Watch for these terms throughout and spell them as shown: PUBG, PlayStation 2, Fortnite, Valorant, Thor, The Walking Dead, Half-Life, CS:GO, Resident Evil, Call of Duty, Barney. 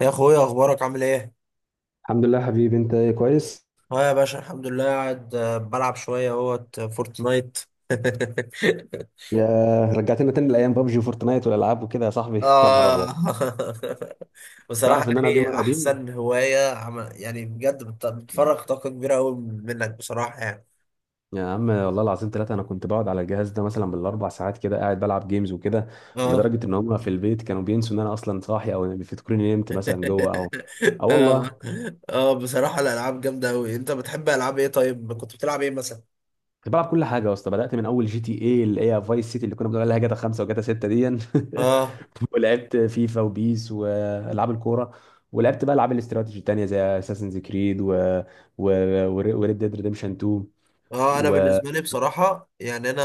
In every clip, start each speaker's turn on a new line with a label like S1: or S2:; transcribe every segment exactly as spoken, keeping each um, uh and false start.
S1: يا اخويا، اخبارك عامل ايه؟
S2: الحمد لله حبيبي. انت ايه، كويس؟
S1: اه يا باشا، الحمد لله قاعد، آه، بلعب شويه اهوت آه، فورتنايت.
S2: يا رجعتنا تاني لايام بابجي وفورتنايت والالعاب وكده يا صاحبي. يا نهار
S1: اه.
S2: ابيض،
S1: بصراحه
S2: تعرف
S1: يا
S2: ان انا
S1: اخي،
S2: جيمر قديم؟
S1: احسن هوايه عم- يعني بجد بت- بتفرغ طاقه كبيره قوي منك بصراحه يعني.
S2: يا عم والله العظيم ثلاثة، انا كنت بقعد على الجهاز ده مثلا بالاربع ساعات كده قاعد بلعب جيمز وكده،
S1: اه.
S2: ولدرجة ان هم في البيت كانوا بينسوا ان انا اصلا صاحي او بيفتكروني نمت مثلا جوه. او اه
S1: اه،
S2: والله،
S1: اه. بصراحه الالعاب جامده قوي، انت بتحب العاب ايه؟ طيب كنت بتلعب ايه مثلا؟
S2: كنت بلعب كل حاجه يا اسطى. بدات من اول جي تي اي اللي هي فايس سيتي اللي كنا بنقول عليها جاتا خمسة وجاتا ستة دي.
S1: اه،
S2: ولعبت فيفا وبيس والعاب الكوره، ولعبت بقى العاب الاستراتيجي التانيه زي اساسنز كريد و و وريد ديد ريديمشن اتنين
S1: اه. انا
S2: و
S1: بالنسبه لي بصراحه يعني انا،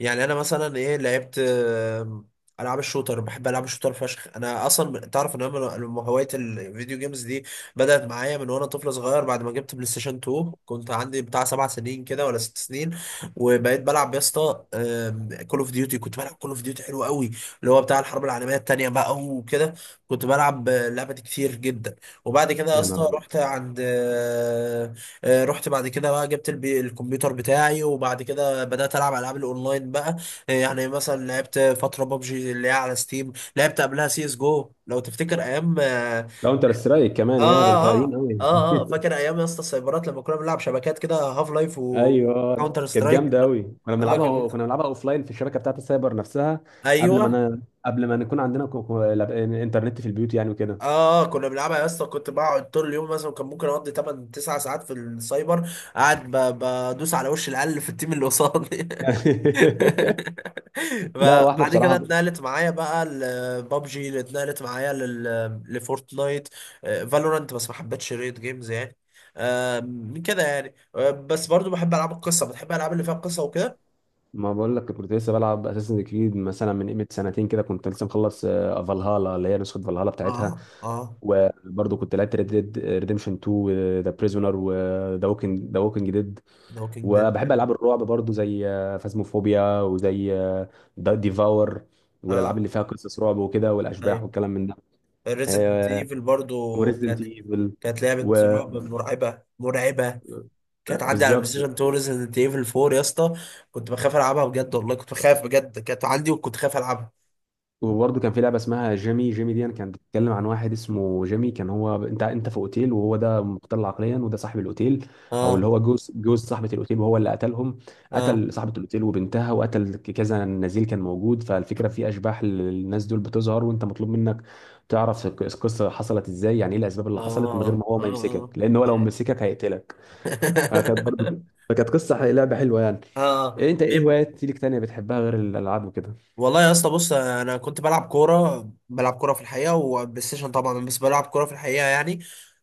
S1: يعني انا مثلا ايه لعبت، آم، العاب الشوتر، بحب العاب الشوتر فشخ. انا اصلا من- تعرف ان انا من- من هوايه الفيديو جيمز دي، بدات معايا من وانا طفل صغير، بعد ما جبت بلاي ستيشن اتنين كنت عندي بتاع سبع سنين كده ولا ست سنين. وبقيت بلعب يا اسطى كول اوف ديوتي، كنت بلعب كول اوف ديوتي حلو قوي، اللي هو بتاع الحرب العالميه الثانيه بقى وكده. كنت بلعب آه، اللعبه دي كتير جدا. وبعد كده يا
S2: يا نهار
S1: اسطى
S2: ابيض.
S1: رحت عند، آه، رحت بعد كده بقى، جبت البي... الكمبيوتر بتاعي، وبعد كده بدأت ألعب ألعاب الأونلاين بقى. آه، يعني مثلا لعبت فترة بابجي اللي هي على ستيم، لعبت قبلها سي اس جو لو تفتكر أيام، آه
S2: كاونتر سترايك كمان؟
S1: آه
S2: يا ده انت
S1: آه
S2: قديم
S1: آه,
S2: قوي.
S1: آه. آه، فاكر أيام يا اسطى السايبرات لما كنا بنلعب شبكات كده، هاف لايف
S2: ايوه
S1: وكاونتر
S2: كانت
S1: سترايك.
S2: جامده قوي، كنا
S1: آه
S2: بنلعبها.
S1: كنا،
S2: كنا بنلعبها اوف لاين في الشبكه بتاعت السايبر نفسها، قبل ما
S1: أيوه.
S2: انا قبل ما نكون عندنا كو- كو- لاب- انترنت في البيوت يعني
S1: اه
S2: وكده.
S1: آه، كنا بنلعبها يا اسطى، كنت بقعد طول اليوم، مثلا كان ممكن اقضي تمانية تسعة ساعات في السايبر، قاعد ب- بدوس على وش العيال اللي في التيم اللي قصادي.
S2: يعني لا، واحنا
S1: فبعد كده
S2: بصراحه
S1: اتنقلت معايا بقى لبابجي، اللي اتنقلت معايا لل- لفورتنايت، فالورانت. بس ما حبيتش ريد جيمز يعني. آم، كده يعني. آه، بس برضو بحب العاب القصه، بتحب الالعاب اللي فيها قصه وكده.
S2: ما بقول لك كنت لسه بلعب اساسن كريد مثلا من قيمه سنتين كده، كنت لسه مخلص آه، فالهالا اللي هي نسخه فالهالا بتاعتها.
S1: اه، اه.
S2: وبرضه كنت لعبت ريد ديد ريديمشن اتنين وذا بريزونر وذا ووكينج، ذا ووكينج ديد.
S1: ذا ووكينج ديد.
S2: وبحب العاب الرعب برضه زي فازموفوبيا وزي ديفاور، والالعاب
S1: اه،
S2: اللي فيها قصص رعب وكده والاشباح
S1: ايوه.
S2: والكلام من ده.
S1: ريزيدنت ايفل برضو
S2: وريزدنت
S1: كانت،
S2: ايفل
S1: كانت لعبه
S2: و Resident
S1: رعب،
S2: Evil.
S1: مرعبه مرعبه.
S2: و- آه،
S1: كانت عندي على البلاي
S2: بالظبط.
S1: ستيشن اتنين ريزيدنت ايفل اربعة يا اسطى، كنت بخاف العبها بجد والله، كنت بخاف بجد، كانت عندي وكنت خايف العبها.
S2: وبرضه كان في لعبه اسمها جيمي، جيمي دي كانت بتتكلم عن واحد اسمه جيمي، كان هو انت انت في اوتيل، وهو ده مختل عقليا وده صاحب الاوتيل، او اللي
S1: اه،
S2: هو جوز جوز صاحبه الاوتيل، وهو اللي قتلهم.
S1: اه،
S2: قتل صاحبه الاوتيل وبنتها، وقتل كذا نزيل كان موجود. فالفكره في اشباح للناس دول بتظهر وانت مطلوب منك تعرف القصه حصلت ازاي، يعني ايه الاسباب اللي حصلت، من غير ما
S1: اه،
S2: هو
S1: اه،
S2: ما يمسكك، لان هو لو
S1: اه.
S2: مسكك هيقتلك. فكانت برضه فكانت قصه لعبه حلوه يعني.
S1: اه،
S2: إيه انت، ايه
S1: طيب.
S2: هوايات ليك تانية بتحبها غير الالعاب وكده؟
S1: والله يا اسطى بص، انا كنت بلعب كوره، بلعب كوره في الحقيقه وبلاي ستيشن طبعا، بس بلعب كوره في الحقيقه يعني.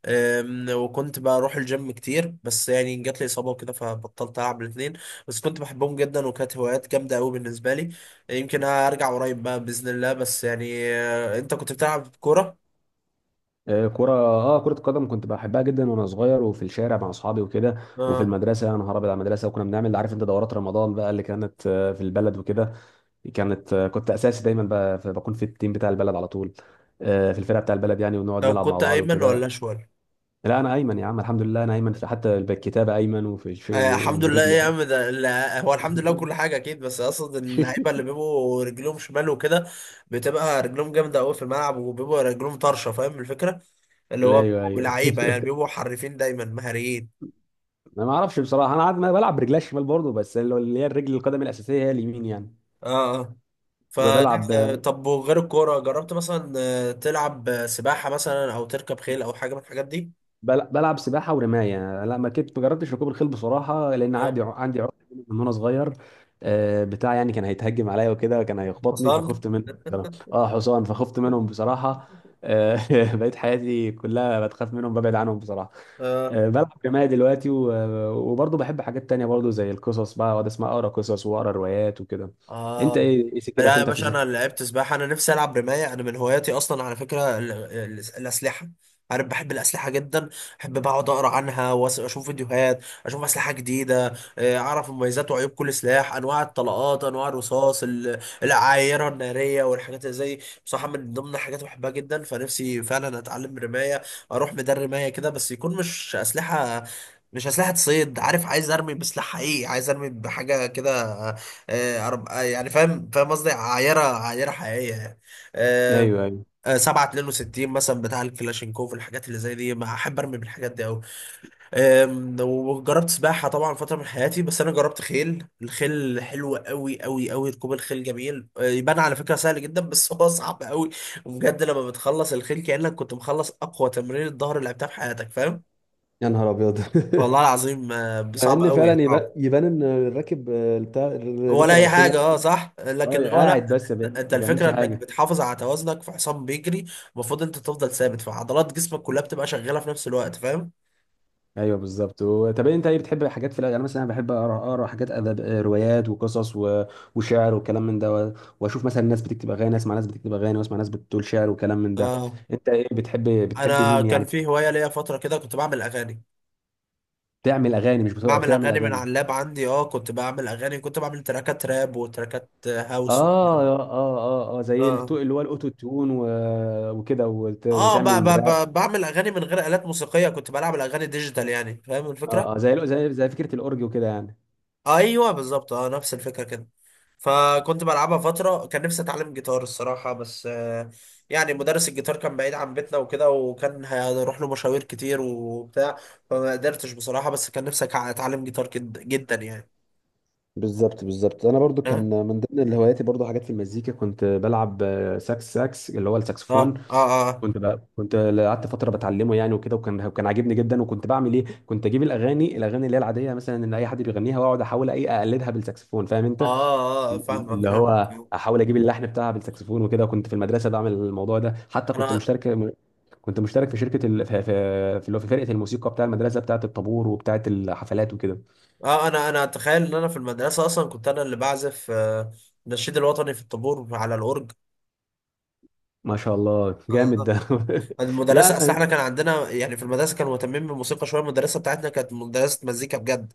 S1: أم، وكنت بروح الجيم كتير، بس يعني جات لي اصابه وكده فبطلت العب الاثنين. بس كنت بحبهم جدا وكانت هوايات جامده قوي بالنسبه لي. يمكن هرجع قريب بقى باذن الله. بس يعني آه، انت كنت بتلعب كوره؟
S2: آه، كرة، اه كرة القدم كنت بحبها جدا وانا صغير، وفي الشارع مع اصحابي وكده، وفي
S1: اه،
S2: المدرسة يا نهار ابيض على المدرسة. وكنا بنعمل، عارف انت دورات رمضان بقى اللي كانت آه، في البلد وكده. كانت آه، كنت اساسي دايما ب- بكون في التيم بتاع البلد على طول، آه، في الفرقة بتاع البلد يعني، ونقعد
S1: طب
S2: نلعب مع
S1: كنت
S2: بعض
S1: ايمن ولا
S2: وكده.
S1: اشول؟
S2: لا انا ايمن يا عم، الحمد لله انا ايمن، في حتى بالكتابة ايمن، وفي الش-
S1: آه الحمد لله
S2: وبرجلي
S1: ايه يا
S2: يعني.
S1: عم، ده ال- هو الحمد لله كل حاجه اكيد، بس اقصد اللعيبه اللي بيبقوا رجلهم شمال وكده، بتبقى رجلهم جامده قوي في الملعب وبيبقوا رجلهم طرشه، فاهم الفكره؟ اللي
S2: لا،
S1: هو
S2: ايوه
S1: بيبقوا
S2: ايوه.
S1: لعيبه، يعني بيبقوا حريفين دايما مهاريين.
S2: انا ما اعرفش بصراحه، انا عاد ما بلعب برجلي الشمال برضه، بس اللي هي الرجل القدم الاساسيه هي اليمين يعني.
S1: اه، اه. فلا،
S2: وبلعب
S1: آه، طب وغير الكوره، جربت مثلا آه، تلعب آه، سباحه مثلا او تركب خيل او حاجه من الحاجات دي؟
S2: بل- بلعب سباحه ورمايه. لا ما كنت، ما جربتش ركوب الخيل بصراحه، لان
S1: آه،
S2: عندي عندي عقده من وانا صغير. آه، بتاع يعني كان هيتهجم عليا وكده وكان هيخبطني،
S1: حصان.
S2: فخفت منه بصراحه. اه حصان، فخفت منهم بصراحه. آه، بقيت حياتي كلها بتخاف منهم، ببعد عنهم بصراحه. آه، بلعب رمايه دلوقتي و- وبرضه بحب حاجات تانية برضه زي القصص بقى، اقعد اسمع اقرا قصص واقرا روايات وكده. انت
S1: اه.
S2: ايه، إيه سكتك
S1: لا يا
S2: انت في
S1: باشا،
S2: سكتك؟
S1: انا لعبت سباحه، انا نفسي العب رمايه. انا من هواياتي اصلا على فكره ال- ال- الاسلحه، عارف، بحب الاسلحه جدا. بحب بقعد اقرا عنها واشوف فيديوهات، اشوف اسلحه جديده، آه، اعرف مميزات وعيوب كل سلاح، انواع الطلقات، انواع الرصاص، ال- العايره الناريه والحاجات اللي زي. بصراحه من ضمن الحاجات اللي بحبها جدا. فنفسي فعلا اتعلم رمايه، اروح ميدان رمايه كده. بس يكون مش اسلحه، مش اسلحه صيد، عارف، عايز ارمي بسلاح حقيقي، عايز ارمي بحاجه كده. آه، أرب... آه، يعني فاهم فاهم قصدي، عايره عايره حقيقيه يعني. آه،
S2: ايوه ايوه.
S1: آه، سبعة فاصلة اتنين وستين مثلا بتاع الكلاشينكوف. الحاجات اللي زي دي ما احب ارمي بالحاجات دي قوي. وجربت سباحه طبعا فتره من حياتي، بس انا جربت خيل. الخيل حلو قوي قوي قوي، ركوب الخيل جميل. آه، يبان على فكره سهل جدا بس هو صعب قوي. وبجد لما بتخلص الخيل كانك كنت مخلص اقوى تمرين الظهر اللي لعبتها في حياتك، فاهم؟
S2: يا نهار ابيض.
S1: والله العظيم، آه،
S2: مع
S1: صعب
S2: ان فعلا
S1: قوي
S2: يبان،
S1: صعب.
S2: يبان ان الراكب آه، بتاع اللي
S1: ولا
S2: بيركب على
S1: اي
S2: الخيل،
S1: حاجه. اه صح، لكن
S2: اه
S1: هو لا.
S2: قاعد بس بي-
S1: انت
S2: ما بيعملش
S1: الفكره انك
S2: حاجه.
S1: بتحافظ على توازنك في حصان بيجري، المفروض انت تفضل ثابت، فعضلات جسمك كلها بتبقى شغاله في نفس الوقت، فاهم؟
S2: ايوه بالظبط. و- طب انت ايه بتحب حاجات في الادب؟ انا مثلا بحب اقرا، اقرا حاجات ادب آه، روايات وقصص و... وشعر وكلام من ده و... واشوف مثلا ناس بتكتب اغاني، اسمع ناس بتكتب اغاني، واسمع ناس بتقول شعر وكلام من ده.
S1: اه.
S2: انت ايه بتحب، بتحب
S1: انا
S2: مين
S1: كان
S2: يعني؟
S1: في هوايه ليا فتره كده، كنت بعمل اغاني،
S2: بتعمل اغاني؟ مش بتقرا،
S1: بعمل
S2: بتعمل
S1: اغاني من
S2: اغاني.
S1: على اللاب عندي. اه، كنت بعمل اغاني، كنت بعمل تراكات راب وتراكات هاوس
S2: اه
S1: وحاجات.
S2: اه اه اه، زي
S1: اه،
S2: التو... اللي هو الاوتو تيون و... وكده وت...
S1: اه. ب ب
S2: وتعمل راب.
S1: ب بعمل اغاني من غير الات موسيقيه، كنت بلعب الاغاني ديجيتال يعني، فاهم الفكره؟
S2: اه اه، زي زي زي فكره الاورج وكده يعني.
S1: ايوه بالظبط، اه نفس الفكره كده. فكنت بلعبها فتره. كان نفسي اتعلم جيتار الصراحه بس، آه، يعني مدرس الجيتار كان بعيد عن بيتنا وكده، وكان هنروح له مشاوير كتير وبتاع، فما قدرتش بصراحه. بس كان نفسي أك- اتعلم جيتار جد- جدا يعني.
S2: بالظبط بالظبط، انا برضو كان
S1: اه،
S2: من ضمن اللي هواياتي برضو حاجات في المزيكا، كنت بلعب آه، ساكس ساكس اللي هو
S1: اه،
S2: الساكسفون.
S1: اه، اه،
S2: كنت بقى، كنت قعدت فتره بتعلمه يعني وكده، وكان كان عاجبني جدا. وكنت بعمل ايه، كنت اجيب الاغاني، الاغاني اللي هي العاديه مثلا ان اي حد بيغنيها واقعد احاول ايه اقلدها بالساكسفون، فاهم انت؟
S1: اه. آه، فاهمك
S2: اللي
S1: فاهمك.
S2: هو احاول اجيب اللحن بتاعها بالساكسفون وكده. كنت في المدرسه بعمل الموضوع ده، حتى كنت
S1: انا
S2: مشترك، كنت مشترك في شركه ال... في في في اللي هو في فرقه الموسيقى بتاع المدرسه، بتاعه الطابور وبتاعه الحفلات وكده.
S1: اه انا انا اتخيل ان انا في المدرسه اصلا كنت انا اللي بعزف، آه، النشيد الوطني في الطابور على الاورج.
S2: ما شاء الله، جامد ده.
S1: المدرسة، أصل
S2: لا،
S1: إحنا كان عندنا يعني في المدرسة كانوا مهتمين بالموسيقى شوية، المدرسة بتاعتنا كانت مدرسة مزيكا بجد.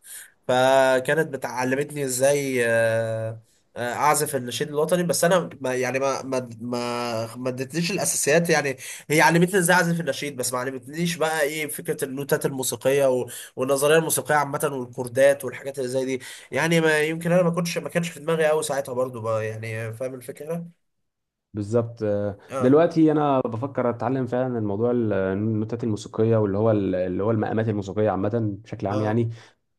S1: فكانت بتعلمتني إزاي، آه، آه، أعزف النشيد الوطني. بس أنا ما يعني، ما ما ما ما ادتنيش الأساسيات يعني. هي علمتني إزاي أعزف النشيد، بس ما علمتنيش بقى إيه فكرة النوتات الموسيقية و- والنظرية الموسيقية عامة والكوردات والحاجات اللي زي دي. يعني ما يمكن أنا ما كنتش، ما كانش في دماغي أوي ساعتها برضو بقى يعني، فاهم الفكرة؟
S2: بالظبط. آه،
S1: آه،
S2: دلوقتي انا بفكر اتعلم فعلا الموضوع ال- النوتات الموسيقيه، واللي هو ال- اللي هو المقامات الموسيقيه عامه بشكل عام
S1: آه.
S2: يعني.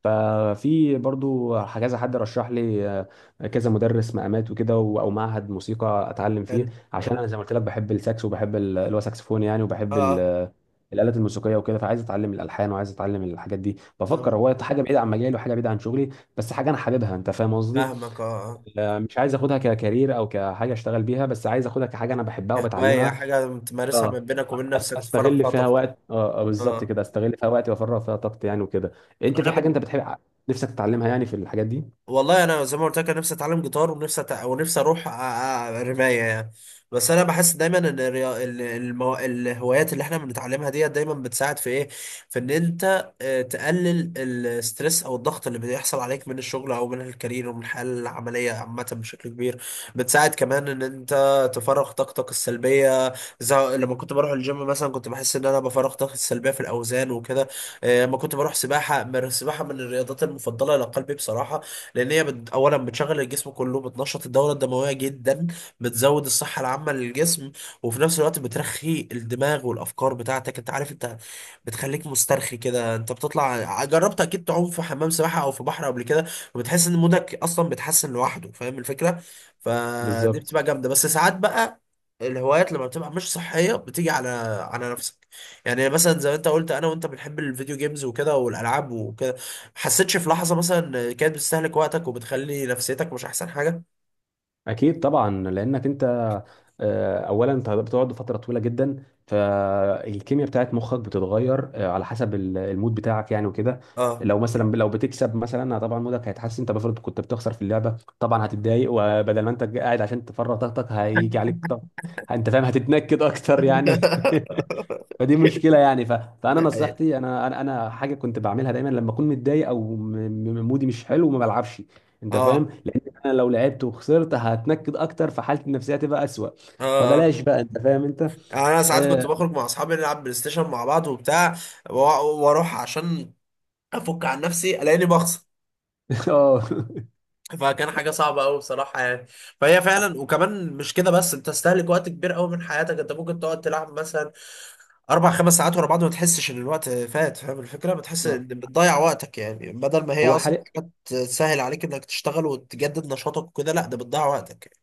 S2: ففي برضو كذا حد رشح لي آه، كذا مدرس مقامات وكده و- او معهد موسيقى اتعلم فيه.
S1: حلو
S2: عشان
S1: حلو.
S2: انا زي ما قلت لك، بحب الساكس وبحب ال- اللي هو ساكسفون يعني،
S1: آه
S2: وبحب
S1: آه
S2: ال- الآلات الموسيقية وكده. فعايز اتعلم الالحان وعايز اتعلم الحاجات دي. بفكر
S1: آه.
S2: هو حاجة بعيدة عن مجالي وحاجة بعيدة عن شغلي، بس حاجة انا حاببها، انت فاهم قصدي؟
S1: فاهمك. اه، اه.
S2: لا، مش عايز اخدها ككارير او كحاجه اشتغل بيها، بس عايز اخدها كحاجه انا بحبها
S1: كهواية،
S2: وبتعلمها.
S1: حاجة تمارسها من
S2: اه،
S1: بينك وبين
S2: أس-
S1: نفسك، تفرغ
S2: استغل
S1: فيها
S2: فيها
S1: طاقتك.
S2: وقت، اه آه، بالظبط
S1: اه.
S2: كده، استغل فيها وقت وافرغ فيها طاقتي يعني وكده. انت
S1: انا
S2: في حاجه
S1: بن...
S2: انت بتحب نفسك تتعلمها يعني في الحاجات دي؟
S1: والله انا زي ما قلت لك، انا نفسي اتعلم جيتار، ونفسي أتع... ونفسي اروح أ- أ- رمايه يعني. بس انا بحس دايما ان الريا... ال- المو... الهوايات اللي احنا بنتعلمها ديت دايما بتساعد في ايه، في ان انت آه، تقلل الستريس او الضغط اللي بيحصل عليك من الشغل او من الكارير، ومن الحياه العمليه عامه بشكل كبير. بتساعد كمان ان انت تفرغ طاقتك السلبيه، زي لما كنت بروح الجيم مثلا، كنت بحس ان انا بفرغ طاقتي السلبيه في الاوزان وكده. آه، لما كنت بروح سباحه، السباحه من الرياضات المفضله لقلبي بصراحه. لان هي بت... اولا بتشغل الجسم كله، بتنشط الدوره الدمويه جدا، بتزود الصحه العامه للجسم. وفي نفس الوقت بترخي الدماغ والافكار بتاعتك، انت عارف انت، بتخليك مسترخي كده، انت بتطلع جربت اكيد تعوم في حمام سباحه او في بحر قبل كده، وبتحس ان مودك اصلا بيتحسن لوحده، فاهم الفكره؟ فدي
S2: بالظبط.
S1: بتبقى جامده. بس ساعات بقى الهوايات لما بتبقى مش صحيه بتيجي على على نفسك. يعني مثلا زي ما انت قلت، انا وانت بنحب الفيديو جيمز وكده والالعاب وكده، حسيتش في لحظة مثلا كانت بتستهلك وقتك وبتخلي نفسيتك مش أحسن حاجة؟
S2: اكيد طبعا، لانك انت آه، اولا انت بتقعد فتره طويله جدا، فالكيمياء بتاعت مخك بتتغير آه، على حسب ال- المود بتاعك يعني وكده.
S1: اه.
S2: لو مثلا لو بتكسب مثلا آه، طبعا مودك هيتحسن. انت بفرض كنت بتخسر في اللعبه، طبعا هتتضايق، وبدل ما انت قاعد عشان تفرغ طاقتك هيجي عليك طاقه، انت فاهم، هتتنكد اكتر يعني. فدي مشكله يعني. ف... فانا
S1: ده حقيقة.
S2: نصيحتي، انا انا انا حاجه كنت بعملها دايما، لما اكون متضايق او م... م- مودي مش حلو، ما بلعبش. انت فاهم،
S1: اه،
S2: لان انا لو لعبت وخسرت هتنكد اكتر، فحالتي النفسيه هتبقى اسوأ.
S1: اه، اه.
S2: فبلاش بقى، انت فاهم انت.
S1: يعني انا ساعات كنت
S2: اه.
S1: بخرج مع اصحابي، نلعب بلاي ستيشن مع بعض وبتاع، وا- واروح عشان افك عن نفسي، الاقيني بخسر. فكان حاجه صعبه قوي بصراحه يعني. فهي فعلا، وكمان مش كده بس، انت تستهلك وقت كبير قوي من حياتك. انت ممكن تقعد تلعب مثلا اربع خمس ساعات ورا بعض، ما تحسش ان الوقت فات، فاهم الفكره؟ بتحس
S2: آه.
S1: ان بتضيع وقتك يعني، بدل ما هي
S2: هو
S1: اصلا
S2: حاليا،
S1: حاجات تسهل عليك انك تشتغل وتجدد نشاطك وكده، لا ده بتضيع وقتك يعني.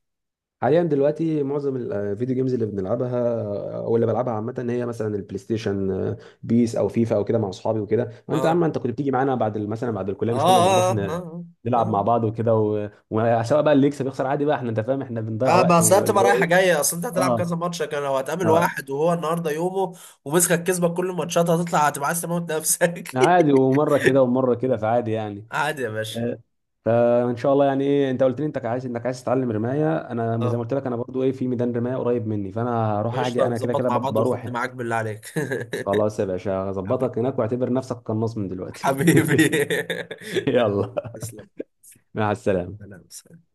S2: حاليا دلوقتي معظم الفيديو جيمز اللي بنلعبها، او اللي بلعبها عامه، هي مثلا البلاي ستيشن آه، بيس او فيفا او كده مع اصحابي وكده. وانت يا عم،
S1: اه،
S2: انت كنت بتيجي معانا بعد ال- مثلا بعد الكليه،
S1: اه،
S2: مش كنا بنروح
S1: اه، اه،
S2: ن-
S1: اه،
S2: نلعب
S1: اه.
S2: مع بعض وكده، و- وسواء بقى اللي يكسب يخسر عادي بقى، احنا انت فاهم احنا بنضيع
S1: آه،
S2: وقت
S1: بس هي
S2: واللي
S1: بتبقى
S2: هو
S1: رايحه
S2: ايه.
S1: جايه، اصل انت هتلعب
S2: اه
S1: كذا ماتش. لكن لو هتقابل
S2: اه،
S1: واحد وهو النهارده يومه ومسكك كسبك كل الماتشات، هتطلع هتبقى عايز تموت نفسك.
S2: عادي، ومره كده ومره كده، فعادي يعني.
S1: عادي يا باشا.
S2: آه، فان شاء الله يعني. ايه، انت قلت لي انت عايز، انك عايز تتعلم رمايه، انا زي
S1: اه
S2: ما قلت لك انا برضو ايه في ميدان رمايه قريب مني، فانا هروح
S1: قشطه،
S2: اجي انا كده
S1: نظبط
S2: كده
S1: مع
S2: ب-
S1: بعض
S2: بروح.
S1: وخدني معاك بالله عليك.
S2: خلاص يا باشا،
S1: حبيبي،
S2: هظبطك هناك واعتبر نفسك قناص من دلوقتي.
S1: حبيبي.
S2: يلا،
S1: تسلم.
S2: مع السلامة.
S1: سلام.